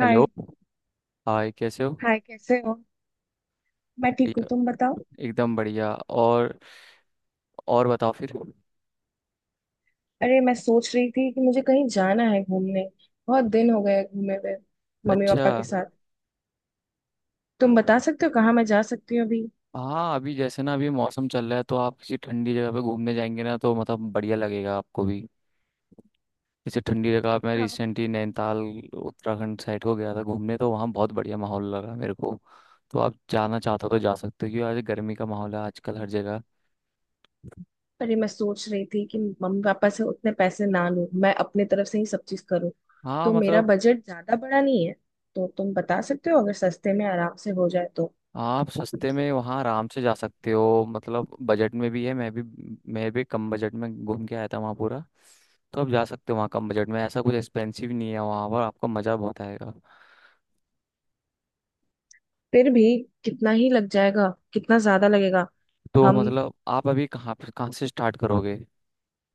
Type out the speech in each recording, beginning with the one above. Hello. Hi. Hi, कैसे हो? Hi, कैसे हो? मैं ठीक हूँ, बढ़िया। तुम बताओ। एकदम बढ़िया। और बताओ फिर। अरे, मैं सोच रही थी कि मुझे कहीं जाना है घूमने। बहुत दिन हो गए घूमे हुए मम्मी अच्छा। पापा के साथ। तुम बता सकते हो कहाँ मैं जा सकती हूँ अभी? हाँ, अभी जैसे ना, अभी मौसम चल रहा है तो आप किसी ठंडी जगह पे घूमने जाएंगे ना, तो मतलब बढ़िया लगेगा आपको भी। जैसे ठंडी जगह, मैं हाँ। रिसेंटली नैनीताल उत्तराखंड साइड को गया था घूमने, तो वहाँ बहुत बढ़िया माहौल लगा मेरे को। तो आप जाना चाहते हो तो जा सकते हो, क्योंकि आज गर्मी का माहौल है आजकल हर जगह। अरे, मैं सोच रही थी कि मम्मी पापा से उतने पैसे ना लूं, मैं अपने तरफ से ही सब चीज करूँ। हाँ तो मेरा मतलब, बजट ज्यादा बड़ा नहीं है। तो तुम बता सकते हो अगर सस्ते में आराम से हो जाए तो? आप सस्ते में वहाँ आराम से जा सकते हो, मतलब बजट में भी है, मैं भी। मैं भी कम बजट में घूम के आया था वहाँ पूरा। तो आप जा सकते हो वहाँ कम बजट में, ऐसा कुछ एक्सपेंसिव नहीं है, वहाँ पर आपको मज़ा बहुत आएगा। फिर भी कितना ही लग जाएगा? कितना ज्यादा लगेगा? तो हम मतलब आप अभी कहाँ पे, कहाँ से स्टार्ट करोगे?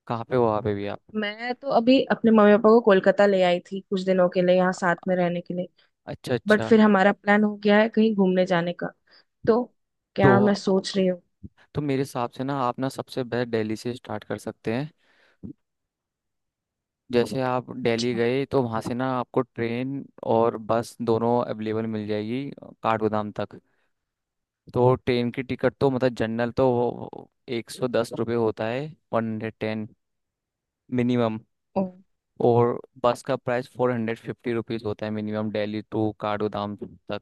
कहाँ पे हो आप अभी, आप? मैं तो अभी अपने मम्मी पापा को कोलकाता ले आई थी, कुछ दिनों के लिए यहाँ साथ में रहने के लिए। अच्छा, बट अच्छा। फिर हमारा प्लान हो गया है कहीं घूमने जाने का। तो तो क्या मैं सोच रही हूँ। तो मेरे हिसाब से ना, आप ना सबसे बेस्ट दिल्ली से स्टार्ट कर सकते हैं। जैसे आप दिल्ली अच्छा। गए तो वहाँ से ना, आपको ट्रेन और बस दोनों अवेलेबल मिल जाएगी काठगोदाम तक। तो ट्रेन की टिकट तो मतलब जनरल तो वो 110 रुपये होता है, 110 मिनिमम। ओ। और बस का प्राइस 450 रुपीज़ होता है मिनिमम, दिल्ली टू काठगोदाम तक।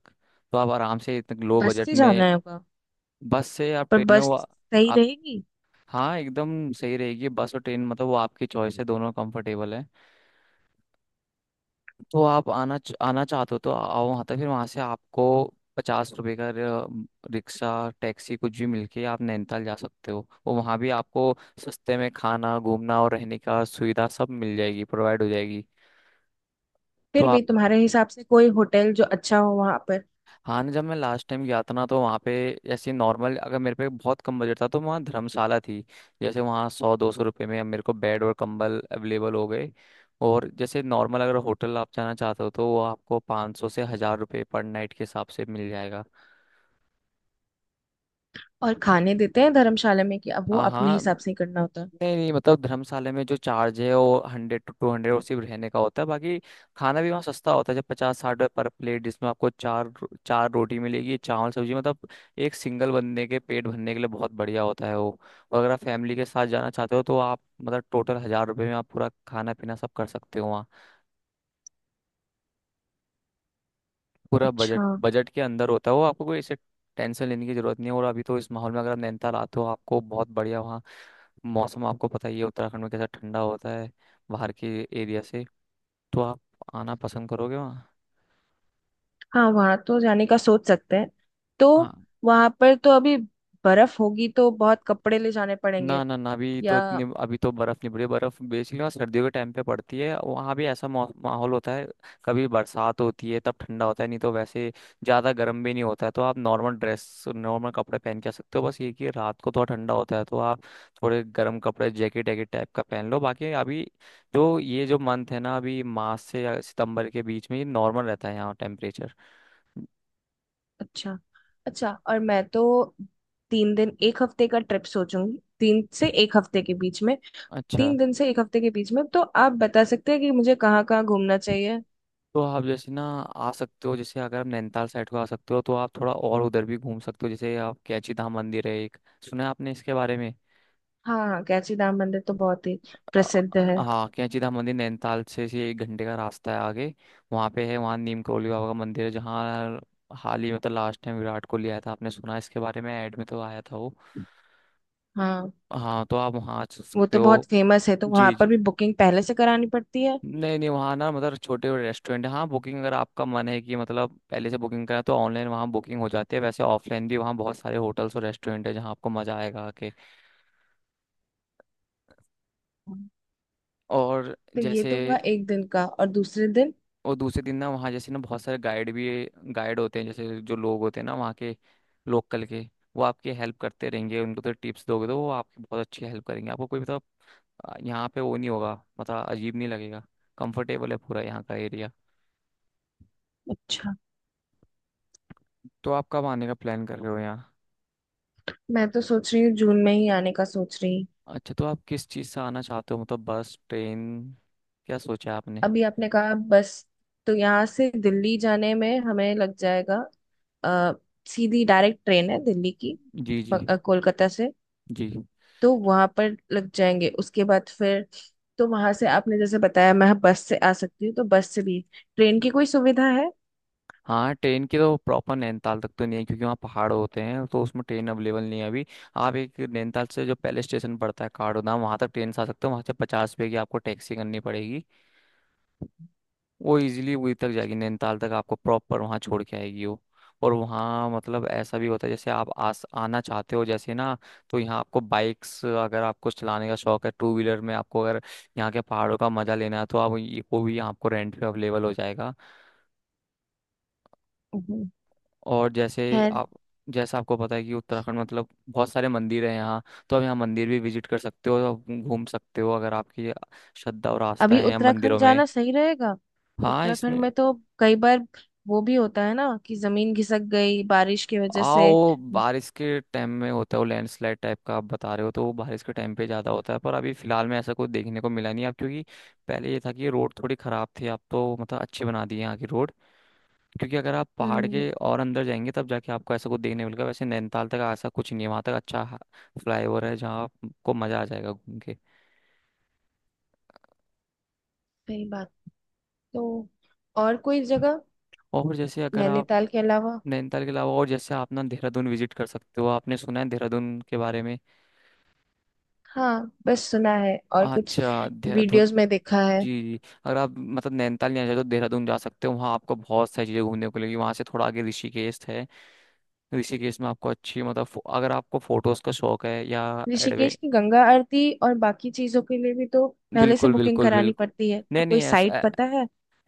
तो आप आराम से इतने लो बस बजट से में, जाना होगा? बस से आप पर ट्रेन में, बस वो सही आप। रहेगी? हाँ, एकदम सही रहेगी बस और ट्रेन, मतलब वो आपकी चॉइस है, दोनों कंफर्टेबल है। तो आप आना चाहते हो तो आओ वहाँ तक, फिर वहाँ से आपको 50 रुपए का रिक्शा, टैक्सी कुछ भी मिलके आप नैनीताल जा सकते हो, और वहाँ भी आपको सस्ते में खाना, घूमना और रहने का सुविधा सब मिल जाएगी, प्रोवाइड हो जाएगी। तो फिर भी तुम्हारे हिसाब से कोई होटल जो अच्छा हो वहां पर? हाँ ना, जब मैं लास्ट टाइम गया था ना, तो वहाँ पे ऐसे नॉर्मल, अगर मेरे पे बहुत कम बजट था तो वहाँ धर्मशाला थी। जैसे वहाँ 100-200 रुपये में अब मेरे को बेड और कंबल अवेलेबल हो गए। और जैसे नॉर्मल अगर होटल आप जाना चाहते हो तो वो आपको 500 से 1000 रुपये पर नाइट के हिसाब से मिल जाएगा। और खाने देते हैं धर्मशाला में कि अब वो हाँ, अपने हाँ। हिसाब से ही करना होता है? नहीं नहीं मतलब, धर्मशाला में जो चार्ज है वो 100-200, और सिर्फ रहने का होता है बाकी। खाना भी वहाँ सस्ता होता है, जब 50-60 रुपये पर प्लेट, जिसमें आपको चार रोटी मिलेगी, चावल, सब्जी, मतलब एक सिंगल बंदे के पेट भरने के लिए बहुत बढ़िया होता है वो। और अगर आप फैमिली के साथ जाना चाहते हो तो आप मतलब टोटल 1000 रुपये में आप पूरा खाना पीना सब कर सकते हो वहाँ, पूरा बजट, अच्छा। बजट के अंदर होता है वो। आपको कोई ऐसे टेंशन लेने की जरूरत नहीं है, और अभी तो इस माहौल में अगर आप नैनीताल आते हो आपको बहुत बढ़िया वहाँ मौसम, आपको पता ही है उत्तराखंड में कैसा ठंडा होता है बाहर के एरिया से, तो आप आना पसंद करोगे वहाँ? हाँ, वहां तो जाने का सोच सकते हैं। तो हाँ। वहां पर तो अभी बर्फ होगी, तो बहुत कपड़े ले जाने पड़ेंगे? ना ना ना, अभी तो या। इतनी, अभी तो बर्फ नहीं पड़ी है। बर्फ बेसिकली वहाँ सर्दियों के टाइम पे पड़ती है, वहाँ भी ऐसा माहौल होता है। कभी बरसात होती है तब ठंडा होता है, नहीं तो वैसे ज्यादा गर्म भी नहीं होता है, तो आप नॉर्मल ड्रेस, नॉर्मल कपड़े पहन के आ सकते हो, बस ये कि रात को थोड़ा ठंडा होता है तो आप थोड़े गर्म कपड़े जैकेट वैकेट टाइप का पहन लो, बाकी अभी जो ये जो मंथ है ना, अभी मार्च से या सितंबर के बीच में, ये नॉर्मल रहता है यहाँ टेम्परेचर। अच्छा। अच्छा, और मैं तो 3 दिन एक हफ्ते का ट्रिप सोचूंगी, 3 से एक हफ्ते के बीच में। अच्छा। 3 दिन से एक हफ्ते के बीच में, तो आप बता सकते हैं कि मुझे कहाँ कहाँ घूमना चाहिए? तो आप जैसे ना आ सकते हो, जैसे अगर आप नैनीताल साइड को आ सकते हो तो आप थोड़ा और उधर भी घूम सकते हो, जैसे आप कैंची धाम मंदिर है एक। सुना है आपने इसके बारे में? हाँ हाँ, कैंची धाम मंदिर तो बहुत ही प्रसिद्ध अ, है। हाँ, कैंची धाम मंदिर नैनीताल से 1 घंटे का रास्ता है आगे। वहाँ पे है, वहाँ नीम करोली बाबा का मंदिर है, जहाँ हाल ही में तो लास्ट टाइम विराट कोहली आया था, आपने सुना है इसके बारे में? ऐड में तो आया था वो। हाँ। हाँ, तो आप वहाँ आ वो सकते तो बहुत हो। फेमस है, तो वहां जी, पर जी। भी बुकिंग पहले से करानी पड़ती है? नहीं नहीं, वहाँ ना मतलब छोटे रेस्टोरेंट है, हाँ बुकिंग अगर आपका मन है कि मतलब पहले से बुकिंग करा, तो ऑनलाइन वहाँ बुकिंग हो जाती है, वैसे ऑफलाइन भी वहाँ बहुत सारे होटल्स और रेस्टोरेंट है जहाँ आपको मज़ा आएगा आके। हाँ। और तो ये जैसे। तो हुआ एक दिन का, और दूसरे दिन? और दूसरे दिन ना, वहाँ जैसे ना बहुत सारे गाइड भी, गाइड होते हैं, जैसे जो लोग होते हैं ना वहाँ के, लोकल के, वो आपकी हेल्प करते रहेंगे, उनको तो टिप्स दोगे तो वो आपकी बहुत अच्छी हेल्प करेंगे, आपको कोई मतलब। यहाँ पे वो नहीं होगा, मतलब अजीब नहीं लगेगा, कंफर्टेबल है पूरा यहाँ का एरिया। अच्छा, तो आप कब आने का प्लान कर रहे हो यहाँ? मैं तो सोच रही हूँ जून में ही आने का सोच रही। अच्छा। तो आप किस चीज़ से आना चाहते हो, मतलब बस, ट्रेन, क्या सोचा है आपने? अभी आपने कहा बस, तो यहाँ से दिल्ली जाने में हमें लग जाएगा। अ, सीधी डायरेक्ट ट्रेन है दिल्ली की जी, जी। कोलकाता से? जी। तो वहां पर लग जाएंगे, उसके बाद फिर तो वहां से आपने जैसे बताया मैं बस से आ सकती हूँ, तो बस से भी ट्रेन की कोई सुविधा है? हाँ, ट्रेन की तो प्रॉपर नैनीताल तक तो नहीं है, क्योंकि वहाँ पहाड़ होते हैं तो उसमें ट्रेन अवेलेबल नहीं है अभी। आप एक नैनीताल से जो पहले स्टेशन पड़ता है, काठगोदाम, वहाँ तक ट्रेन से आ सकते हो, वहाँ से 50 रुपये की आपको टैक्सी करनी पड़ेगी। वो इजीली वहीं तक जाएगी, नैनीताल तक आपको प्रॉपर वहाँ छोड़ के आएगी वो। और वहाँ मतलब ऐसा भी होता है, जैसे आप आस आना चाहते हो जैसे ना, तो यहाँ आपको बाइक्स, अगर आपको चलाने का शौक है टू व्हीलर में, आपको अगर यहाँ के पहाड़ों का मजा लेना है तो आप वो भी आपको रेंट पे अवेलेबल हो जाएगा। हम्म। और जैसे खैर, आप, जैसा आपको पता है कि उत्तराखंड मतलब बहुत सारे मंदिर हैं यहाँ, तो आप यहाँ मंदिर भी विजिट कर सकते हो, तो आप घूम सकते हो अगर आपकी श्रद्धा और आस्था अभी है यहाँ उत्तराखंड मंदिरों में। जाना सही रहेगा? हाँ, उत्तराखंड इसमें। में तो कई बार वो भी होता है ना कि जमीन खिसक गई बारिश की वजह से। आओ, बारिश के टाइम में होता है वो लैंडस्लाइड टाइप का आप बता रहे हो, तो वो बारिश के टाइम पे ज़्यादा होता है, पर अभी फिलहाल में ऐसा कुछ देखने को मिला नहीं अब, क्योंकि पहले ये था कि रोड थोड़ी ख़राब थी, अब तो मतलब अच्छे बना दिए यहाँ की रोड। क्योंकि अगर आप पहाड़ हम्म, के और अंदर जाएंगे तब जाके आपको ऐसा कुछ देखने मिलेगा, वैसे नैनीताल तक ऐसा कुछ नहीं है, वहाँ तक अच्छा फ्लाईओवर है जहाँ आपको मज़ा आ जाएगा घूम के। सही बात। तो और कोई जगह और जैसे अगर आप नैनीताल के अलावा? नैनीताल के अलावा, और जैसे आप ना देहरादून विजिट कर सकते हो, आपने सुना है देहरादून के बारे में? हाँ, बस सुना है और कुछ अच्छा, देहरादून। वीडियोस में देखा है। जी, जी। अगर आप मतलब नैनीताल नहीं आना चाहते तो देहरादून जा सकते हो, वहाँ आपको बहुत सारी चीज़ें घूमने को मिलेगी, वहाँ से थोड़ा आगे ऋषिकेश है। ऋषिकेश में आपको अच्छी मतलब अगर आपको फोटोज़ का शौक है, या एडवे ऋषिकेश की गंगा आरती और बाकी चीजों के लिए भी तो पहले से बिल्कुल बुकिंग बिल्कुल करानी बिल्कुल। पड़ती है? तो नहीं नहीं, कोई ऐसा साइट पता है?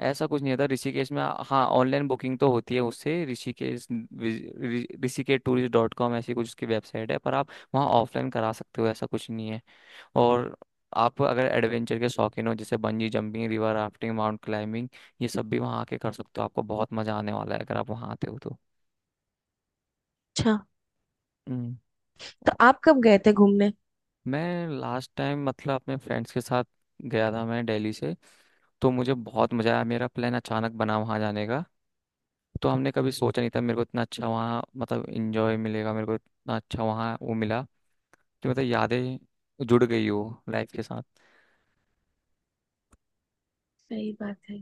ऐसा कुछ नहीं था ऋषिकेश में, हाँ ऑनलाइन बुकिंग तो होती है उससे। ऋषिकेश, rishikeshtourist.com ऐसी कुछ उसकी वेबसाइट है, पर आप वहाँ ऑफलाइन करा सकते हो, ऐसा कुछ नहीं है। और आप अगर एडवेंचर के शौकीन हो, जैसे bungee jumping, river rafting, mount climbing, ये सब भी वहाँ आके कर सकते हो, आपको बहुत मजा आने वाला है अगर आप वहाँ आते हो तो। अच्छा, हम्म, तो आप कब गए थे घूमने? मैं लास्ट टाइम मतलब अपने फ्रेंड्स के साथ गया था, मैं दिल्ली से। तो मुझे बहुत मजा आया, मेरा प्लान अचानक बना वहाँ जाने का, तो हमने कभी सोचा नहीं था मेरे को इतना अच्छा वहाँ मतलब इंजॉय मिलेगा, मेरे को इतना अच्छा वहाँ वो मिला, कि मतलब यादें जुड़ गई हो लाइफ के साथ। सही बात है।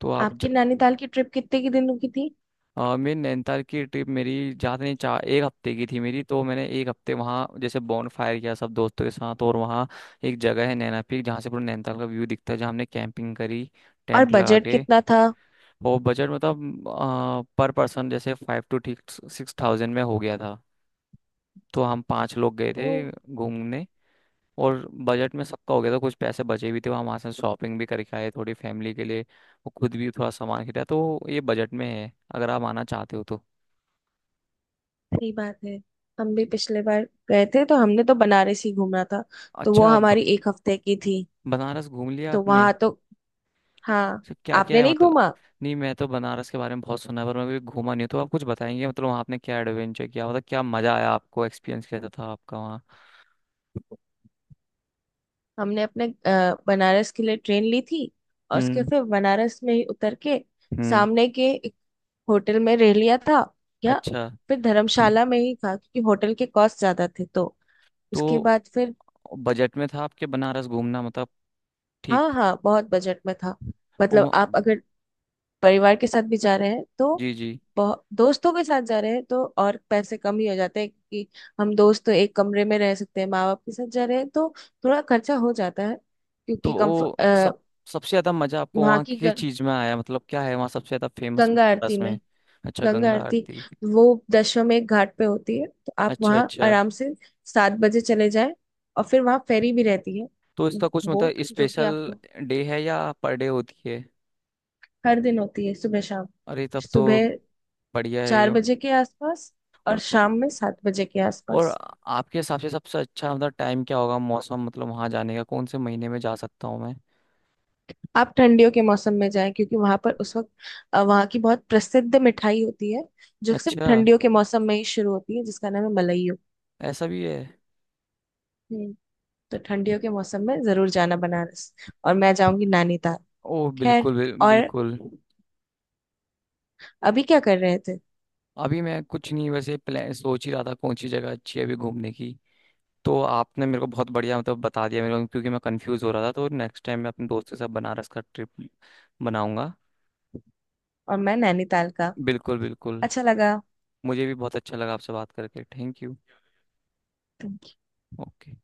तो आप। आपकी नैनीताल की ट्रिप कितने के दिनों की थी? मेरी नैनीताल की ट्रिप मेरी ज़्यादा नहीं, चार, एक हफ्ते की थी मेरी, तो मैंने एक हफ्ते वहाँ जैसे बॉन फायर किया सब दोस्तों के साथ, और वहाँ एक जगह है नैना पीक, जहाँ से पूरा नैनीताल का व्यू दिखता है, जहाँ हमने कैंपिंग करी और टेंट लगा बजट के। कितना था? और बजट मतलब पर पर्सन, जैसे 5000-6000 में हो गया था, तो हम पाँच लोग गए तो थे घूमने। और बजट में सबका हो गया था, कुछ पैसे बचे भी थे वहाँ, वहाँ से शॉपिंग भी करके आए थोड़ी फैमिली के लिए, और खुद भी थोड़ा सामान खरीदा, तो ये बजट में है अगर आप आना चाहते हो तो। सही बात है, हम भी पिछले बार गए थे तो हमने तो बनारस ही घूमना था। तो वो अच्छा। हमारी एक हफ्ते की थी। बनारस घूम लिया तो आपने? वहां तो हाँ। तो क्या क्या आपने है नहीं मतलब? घूमा? नहीं, मैं तो बनारस के बारे में बहुत सुना है, पर मैं कभी घूमा नहीं हूं। तो आप कुछ बताएंगे मतलब, वहाँ आपने क्या एडवेंचर किया, मतलब क्या मजा आया आपको, एक्सपीरियंस कैसा था आपका वहाँ? हमने अपने बनारस के लिए ट्रेन ली थी, और उसके हम्म, फिर बनारस में ही उतर के हम्म। सामने के एक होटल में रह लिया था। या अच्छा। फिर धर्मशाला में ही था क्योंकि होटल के कॉस्ट ज्यादा थे, तो तो उसके बाद फिर। बजट में था आपके बनारस घूमना मतलब? हाँ ठीक। हाँ, बहुत बजट में था। ओ मतलब आप अगर परिवार के साथ भी जा रहे हैं तो जी, जी। दोस्तों के साथ जा रहे हैं तो और पैसे कम ही हो जाते हैं, क्योंकि हम दोस्त तो एक कमरे में रह सकते हैं। माँ बाप के साथ जा रहे हैं तो थोड़ा खर्चा हो जाता है तो क्योंकि वो सब, कम्फर्ट। सबसे ज्यादा मजा आपको वहाँ वहाँ की किस चीज में आया, मतलब क्या है वहाँ सबसे ज्यादा फेमस गंगा आरती बनारस में? में। अच्छा, गंगा गंगा आरती आरती। वो दशाश्वमेध घाट पे होती है, तो आप अच्छा, वहाँ अच्छा। आराम से 7 बजे चले जाएं। और फिर वहाँ फेरी भी रहती है, तो इसका कुछ बोट, मतलब जो कि स्पेशल आपको डे है, या पर डे होती है? हर दिन होती है, सुबह शाम। अरे तब तो सुबह बढ़िया है ये। 4 बजे के आसपास, और और शाम में 7 बजे के और आसपास। आपके हिसाब से सबसे अच्छा मतलब टाइम क्या होगा, मौसम मतलब वहाँ जाने का, कौन से महीने में जा सकता हूँ मैं? आप ठंडियों के मौसम में जाएं, क्योंकि वहां पर उस वक्त वहाँ की बहुत प्रसिद्ध मिठाई होती है जो सिर्फ अच्छा, ठंडियों के मौसम में ही शुरू होती है, जिसका नाम है मलइयो। ऐसा भी है? हम्म। तो ठंडियों के मौसम में जरूर जाना बनारस, और मैं जाऊंगी नैनीताल। ओह खैर। बिल्कुल, और बिल्कुल। अभी क्या कर रहे थे? अभी मैं कुछ नहीं, वैसे प्लान सोच ही रहा था कौन सी जगह अच्छी है अभी घूमने की। तो आपने मेरे को बहुत बढ़िया मतलब बता दिया मेरे को, क्योंकि मैं कंफ्यूज हो रहा था, तो नेक्स्ट टाइम मैं अपने दोस्त के साथ बनारस का ट्रिप बनाऊंगा। और मैं नैनीताल का। बिल्कुल, बिल्कुल। अच्छा लगा। मुझे भी बहुत अच्छा लगा आपसे बात करके, थैंक यू। ओके।